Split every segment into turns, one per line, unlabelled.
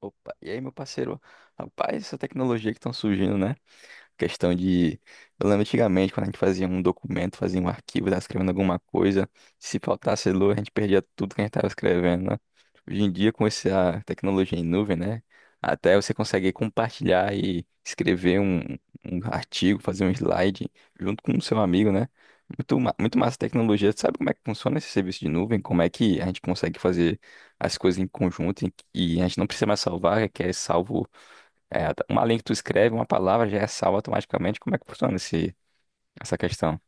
Opa, e aí, meu parceiro? Rapaz, essa tecnologia que estão surgindo, né? Questão de. Eu lembro antigamente, quando a gente fazia um documento, fazia um arquivo, tava escrevendo alguma coisa. Se faltasse luz, a gente perdia tudo que a gente tava escrevendo, né? Hoje em dia, com essa tecnologia em nuvem, né? Até você consegue compartilhar e escrever um artigo, fazer um slide junto com o seu amigo, né? Muito, muito massa a tecnologia. Você sabe como é que funciona esse serviço de nuvem? Como é que a gente consegue fazer as coisas em conjunto e a gente não precisa mais salvar, é que é salvo é, tá, uma linha que tu escreve, uma palavra já é salva automaticamente. Como é que funciona essa questão?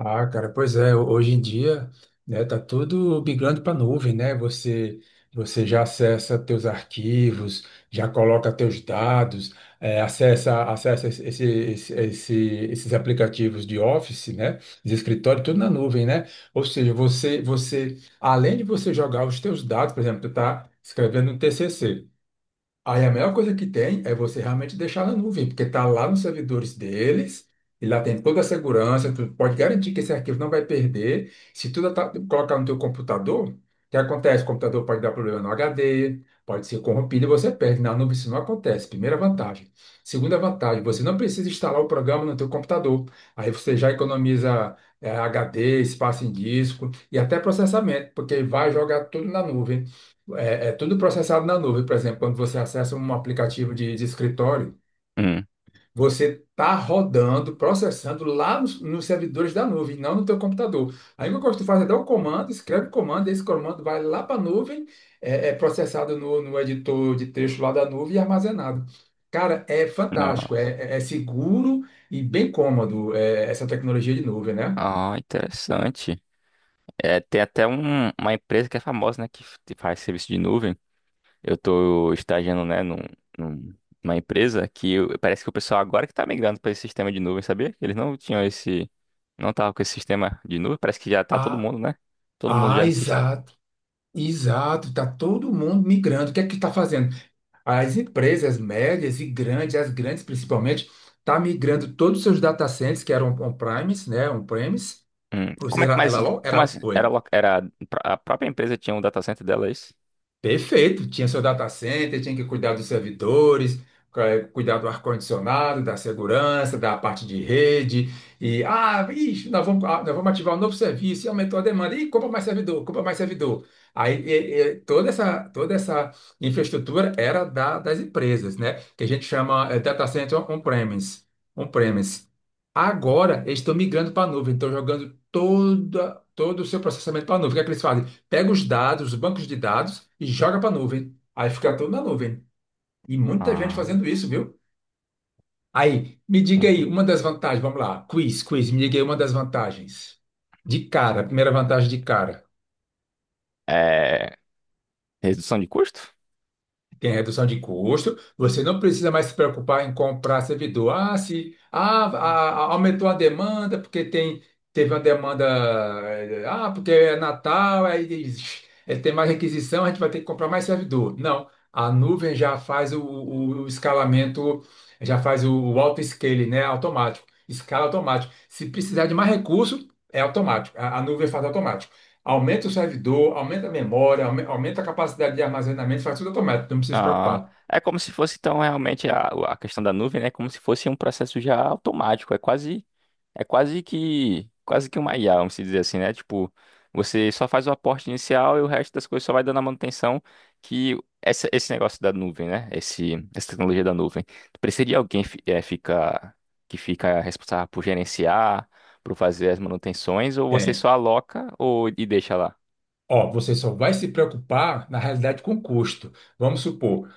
Ah, cara, pois é, hoje em dia, né, tá tudo migrando para nuvem, né? Você já acessa teus arquivos, já coloca teus dados, acessa esses aplicativos de Office, né? De escritório, tudo na nuvem, né? Ou seja, você além de você jogar os teus dados, por exemplo, tu tá escrevendo um TCC. Aí a melhor coisa que tem é você realmente deixar na nuvem, porque está lá nos servidores deles, e lá tem toda a segurança, tu pode garantir que esse arquivo não vai perder. Se tu colocar no teu computador, o que acontece? O computador pode dar problema no HD, pode ser corrompido e você perde. Na nuvem isso não acontece, primeira vantagem. Segunda vantagem, você não precisa instalar o programa no teu computador. Aí você já economiza HD, espaço em disco e até processamento, porque vai jogar tudo na nuvem. É tudo processado na nuvem. Por exemplo, quando você acessa um aplicativo de escritório,
Hum,
você está rodando, processando lá nos servidores da nuvem, não no teu computador. Aí o que eu faz é dar um comando, escreve o comando, esse comando vai lá para a nuvem, é processado no editor de texto lá da nuvem e armazenado. Cara, é
não.
fantástico, é seguro e bem cômodo, é, essa tecnologia de nuvem, né?
Ah, interessante. É, tem até uma empresa que é famosa, né, que que faz serviço de nuvem. Eu tô estagiando, né, num- numa empresa que parece que o pessoal agora que tá migrando para esse sistema de nuvem, sabia? Eles não tinham esse, não tava com esse sistema de nuvem. Parece que já tá todo
Ah,
mundo, né? Todo mundo já
ah,
no sistema.
exato, exato. Tá todo mundo migrando. O que é que está fazendo? As empresas médias e grandes, as grandes principalmente, tá migrando todos os seus data centers, que eram on-premise, né, on-premise, ou
Como é
seja,
que mais, como assim? Era,
oi,
era, a própria empresa tinha um data center dela, é isso?
perfeito. Tinha seu data center, tinha que cuidar dos servidores, cuidar do ar-condicionado, da segurança, da parte de rede. E, ah, ixi, nós vamos ativar um novo serviço e aumentou a demanda. Ih, compra mais servidor, compra mais servidor. Aí, e toda essa infraestrutura era das empresas, né? Que a gente chama, data center on-premise. On-premise. Agora, eles estão migrando para a nuvem, estão jogando todo o seu processamento para a nuvem. O que é que eles fazem? Pega os dados, os bancos de dados e joga para a nuvem. Aí fica tudo na nuvem. E muita gente fazendo isso, viu? Aí, me diga
Ah.
aí uma das vantagens, vamos lá. Me diga aí uma das vantagens. De cara, primeira vantagem de cara.
É, redução de custo?
Tem redução de custo, você não precisa mais se preocupar em comprar servidor. Ah, se ah, a- aumentou a demanda, porque tem, teve uma demanda, porque é Natal, aí tem mais requisição, a gente vai ter que comprar mais servidor. Não, a nuvem já faz o escalamento, já faz o auto-scaling, né? Automático, escala automático. Se precisar de mais recurso, é automático. A nuvem faz automático. Aumenta o servidor, aumenta a memória, aumenta a capacidade de armazenamento, faz tudo automático, não precisa se
Ah,
preocupar.
é como se fosse, então, realmente a questão da nuvem, né? Como se fosse um processo já automático. É quase, quase que uma IA, vamos dizer assim, né? Tipo, você só faz o aporte inicial e o resto das coisas só vai dando a manutenção que esse negócio da nuvem, né? Essa tecnologia da nuvem. Precisa de alguém fica, que fica responsável por gerenciar, por fazer as manutenções, ou você só
Tem.
aloca e deixa lá?
Ó, você só vai se preocupar, na realidade, com o custo. Vamos supor,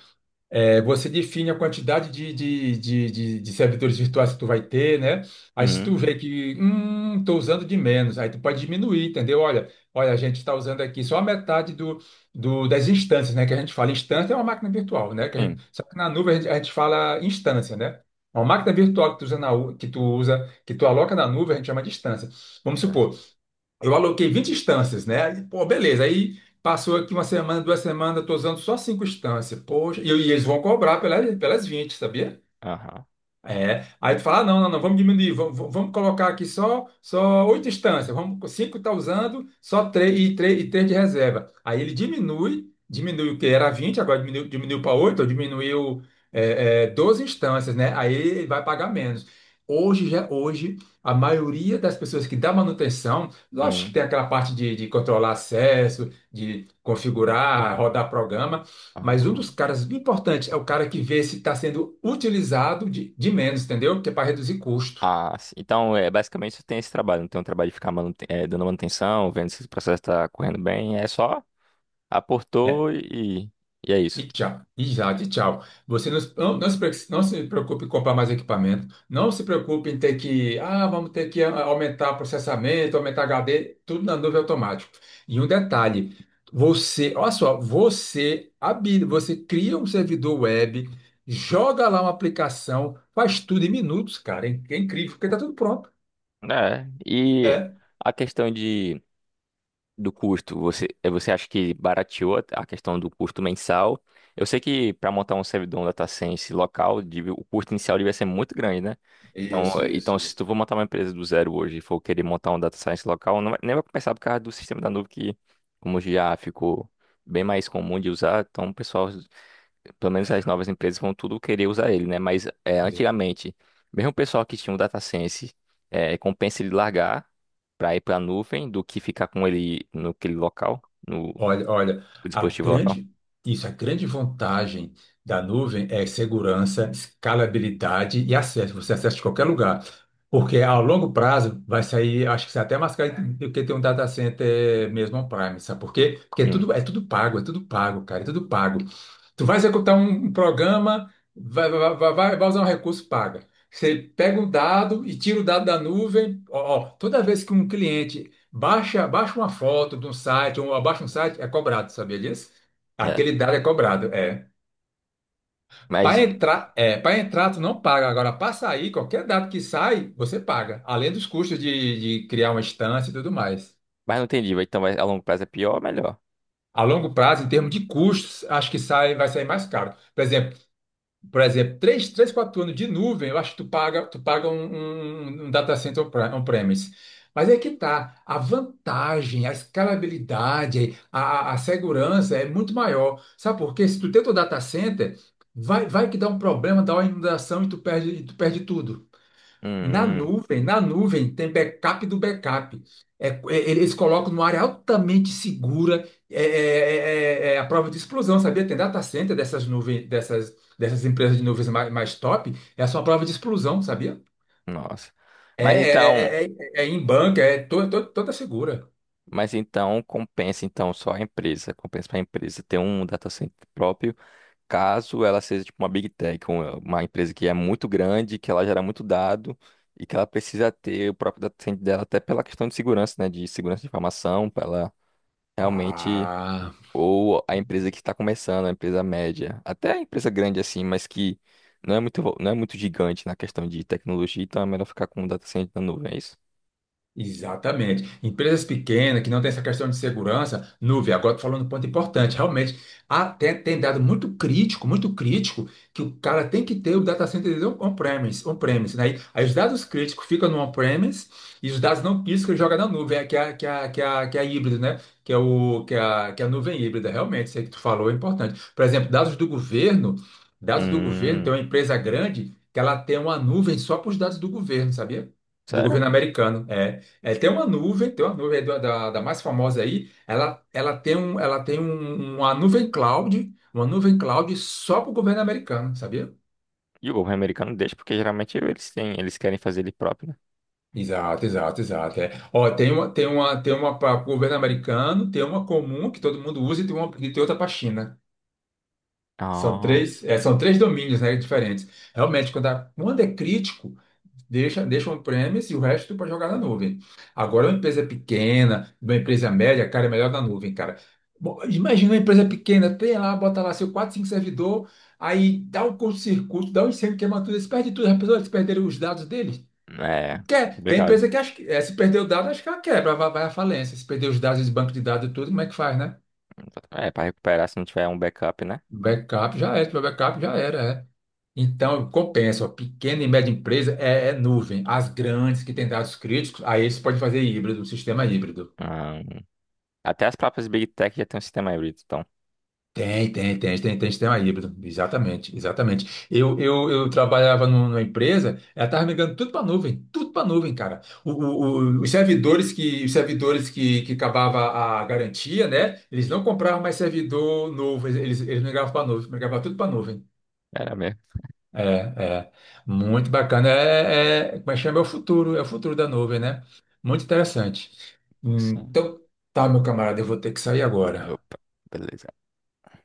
é, você define a quantidade de servidores virtuais que tu vai ter, né? Aí se tu
Hum,
vê que, tô usando de menos, aí tu pode diminuir, entendeu? Olha, olha, a gente está usando aqui só a metade das instâncias, né? Que a gente fala instância é uma máquina virtual, né?
sim.
Só que na nuvem a gente fala instância, né? É uma máquina virtual que tu usa que tu aloca na nuvem, a gente chama de instância. Vamos supor, eu aloquei 20 instâncias, né? E, pô, beleza. Aí passou aqui uma semana, 2 semanas, eu tô usando só cinco instâncias. Poxa, e eles vão cobrar pelas 20, sabia?
Aham.
É. Aí tu fala, ah, não, não, não, vamos diminuir, vamos colocar aqui só oito instâncias, vamos, cinco está usando, só três e três e três de reserva. Aí ele diminui o que era 20 agora diminuiu para 8, ou diminuiu 12 instâncias, né? Aí ele vai pagar menos. Hoje, a maioria das pessoas que dá manutenção, lógico que
Hum.
tem aquela parte de controlar acesso, de configurar, rodar programa, mas um
Ah,
dos caras importantes é o cara que vê se está sendo utilizado de menos, entendeu? Que é para reduzir custo.
ah, sim. Então, é, basicamente, você tem esse trabalho. Não tem um trabalho de ficar dando manutenção, vendo se o processo está correndo bem. É só
É.
aportou e é isso.
E tchau. E já de tchau. Você não se preocupe em comprar mais equipamento. Não se preocupe em ter que. Ah, vamos ter que aumentar processamento, aumentar HD, tudo na nuvem automático. E um detalhe: você, olha só, você habilita, você cria um servidor web, joga lá uma aplicação, faz tudo em minutos, cara. É incrível, porque está tudo pronto.
É. E a questão de do custo, você, você acha que barateou a questão do custo mensal? Eu sei que para montar um servidor um data science local, o custo inicial devia ser muito grande, né? Então,
Isso,
então
isso,
se tu
isso.
for montar uma empresa do zero hoje e for querer montar um data science local, nem vai começar por causa do sistema da nuvem que, como já ficou bem mais comum de usar, então o pessoal pelo menos as novas empresas vão tudo querer usar ele, né? Mas é,
É.
antigamente, mesmo o pessoal que tinha o data science, é, compensa ele largar para ir para a nuvem do que ficar com ele naquele local, no
Olha, olha, a
dispositivo local.
grande, isso, a grande vantagem da nuvem é segurança, escalabilidade e acesso. Você acessa de qualquer lugar. Porque a longo prazo vai sair, acho que sai até mais caro do que ter um data center mesmo on-premise, sabe por quê? Porque
Hum,
é tudo pago, cara, é tudo pago. Tu vai executar um programa, vai usar um recurso, paga. Você pega um dado e tira o dado da nuvem. Ó, ó, toda vez que um cliente baixa uma foto de um site, ou abaixa um site, é cobrado, sabia disso?
é.
Aquele dado é cobrado, é.
Mas,
Para entrar, tu não paga. Agora, para sair, qualquer dado que sai, você paga. Além dos custos de criar uma instância e tudo mais.
mas não entendi. Então, a longo prazo é pior ou melhor?
A longo prazo, em termos de custos, acho que vai sair mais caro. Por exemplo, três 4 anos de nuvem, eu acho que tu paga um data center on-premise. Mas é que tá, a vantagem, a escalabilidade, a segurança é muito maior. Sabe por quê? Se tu tem teu data center, vai que dá um problema, dá uma inundação e tu perde tudo.
Hum, hum,
Na nuvem tem backup do backup. É, é, eles colocam numa área altamente segura, é a prova de explosão, sabia? Tem data center dessas nuvens, dessas empresas de nuvens mais top, é só uma prova de explosão, sabia?
nossa. Mas então,
É em banca, é toda segura.
mas então compensa então só a empresa, compensa para a empresa ter um data center próprio caso ela seja tipo uma big tech, uma empresa que é muito grande, que ela gera muito dado e que ela precisa ter o próprio data center dela até pela questão de segurança, né, de segurança de informação, para ela realmente
Ah.
ou a empresa que está começando, a empresa média, até a empresa grande assim, mas que não é muito gigante na questão de tecnologia, então é melhor ficar com o data center na nuvem, é isso?
Exatamente. Empresas pequenas que não têm essa questão de segurança, nuvem. Agora tô falando um ponto importante, realmente, até tem dado muito crítico, que o cara tem que ter o data center dele on-premise, on-premise, né? Aí os dados críticos ficam no on-premise e os dados não críticos ele joga na nuvem, que é, que é a híbrida, né? Que é a nuvem híbrida, realmente, isso aí que tu falou é importante. Por exemplo, dados do governo,
Hum,
tem uma empresa grande que ela tem uma nuvem só para os dados do governo, sabia? Do
sério?
governo americano. É. É, tem uma nuvem é da mais famosa aí. Ela tem uma nuvem cloud só para o governo americano, sabia?
E o governo americano deixa porque geralmente eles têm, eles querem fazer ele próprio, né?
Exato, exato, exato. É. Ó, tem uma para o governo americano, tem uma comum que todo mundo usa e e tem outra para a China.
Ah,
São três domínios, né, diferentes. Realmente, quando é crítico, deixa on-premise e o resto para jogar na nuvem. Agora, uma empresa pequena, uma empresa média, cara, é melhor na nuvem, cara. Bom, imagina uma empresa pequena, tem lá, bota lá seu 4, 5 servidor, aí dá um curto-circuito, dá um incêndio, queima tudo, eles perdem tudo, as pessoas eles perderam os dados deles.
é.
Tem
Complicado.
empresa que se perder o dado, acho que ela quebra, vai à falência. Se perder os dados, esse banco de dados e tudo, como é que faz, né?
É, para recuperar se não tiver um backup, né?
Se tiver backup já era, é. Então, compensa, ó, pequena e média empresa é nuvem. As grandes que têm dados críticos, aí você pode fazer híbrido, sistema híbrido.
Ah, até as próprias Big Tech já tem um sistema híbrido, então.
Tem sistema híbrido. Exatamente, exatamente. Eu trabalhava numa empresa, ela estava migrando tudo para nuvem, cara. Os servidores que, que acabava a garantia, né? Eles não compravam mais servidor novo, eles migravam para nuvem, migravam tudo para nuvem.
Era mesmo.
É, é. Muito bacana. Como é que chama? É o futuro da nuvem, né? Muito interessante.
Sim.
Então, tá, meu camarada, eu vou ter que sair agora.
Opa, beleza.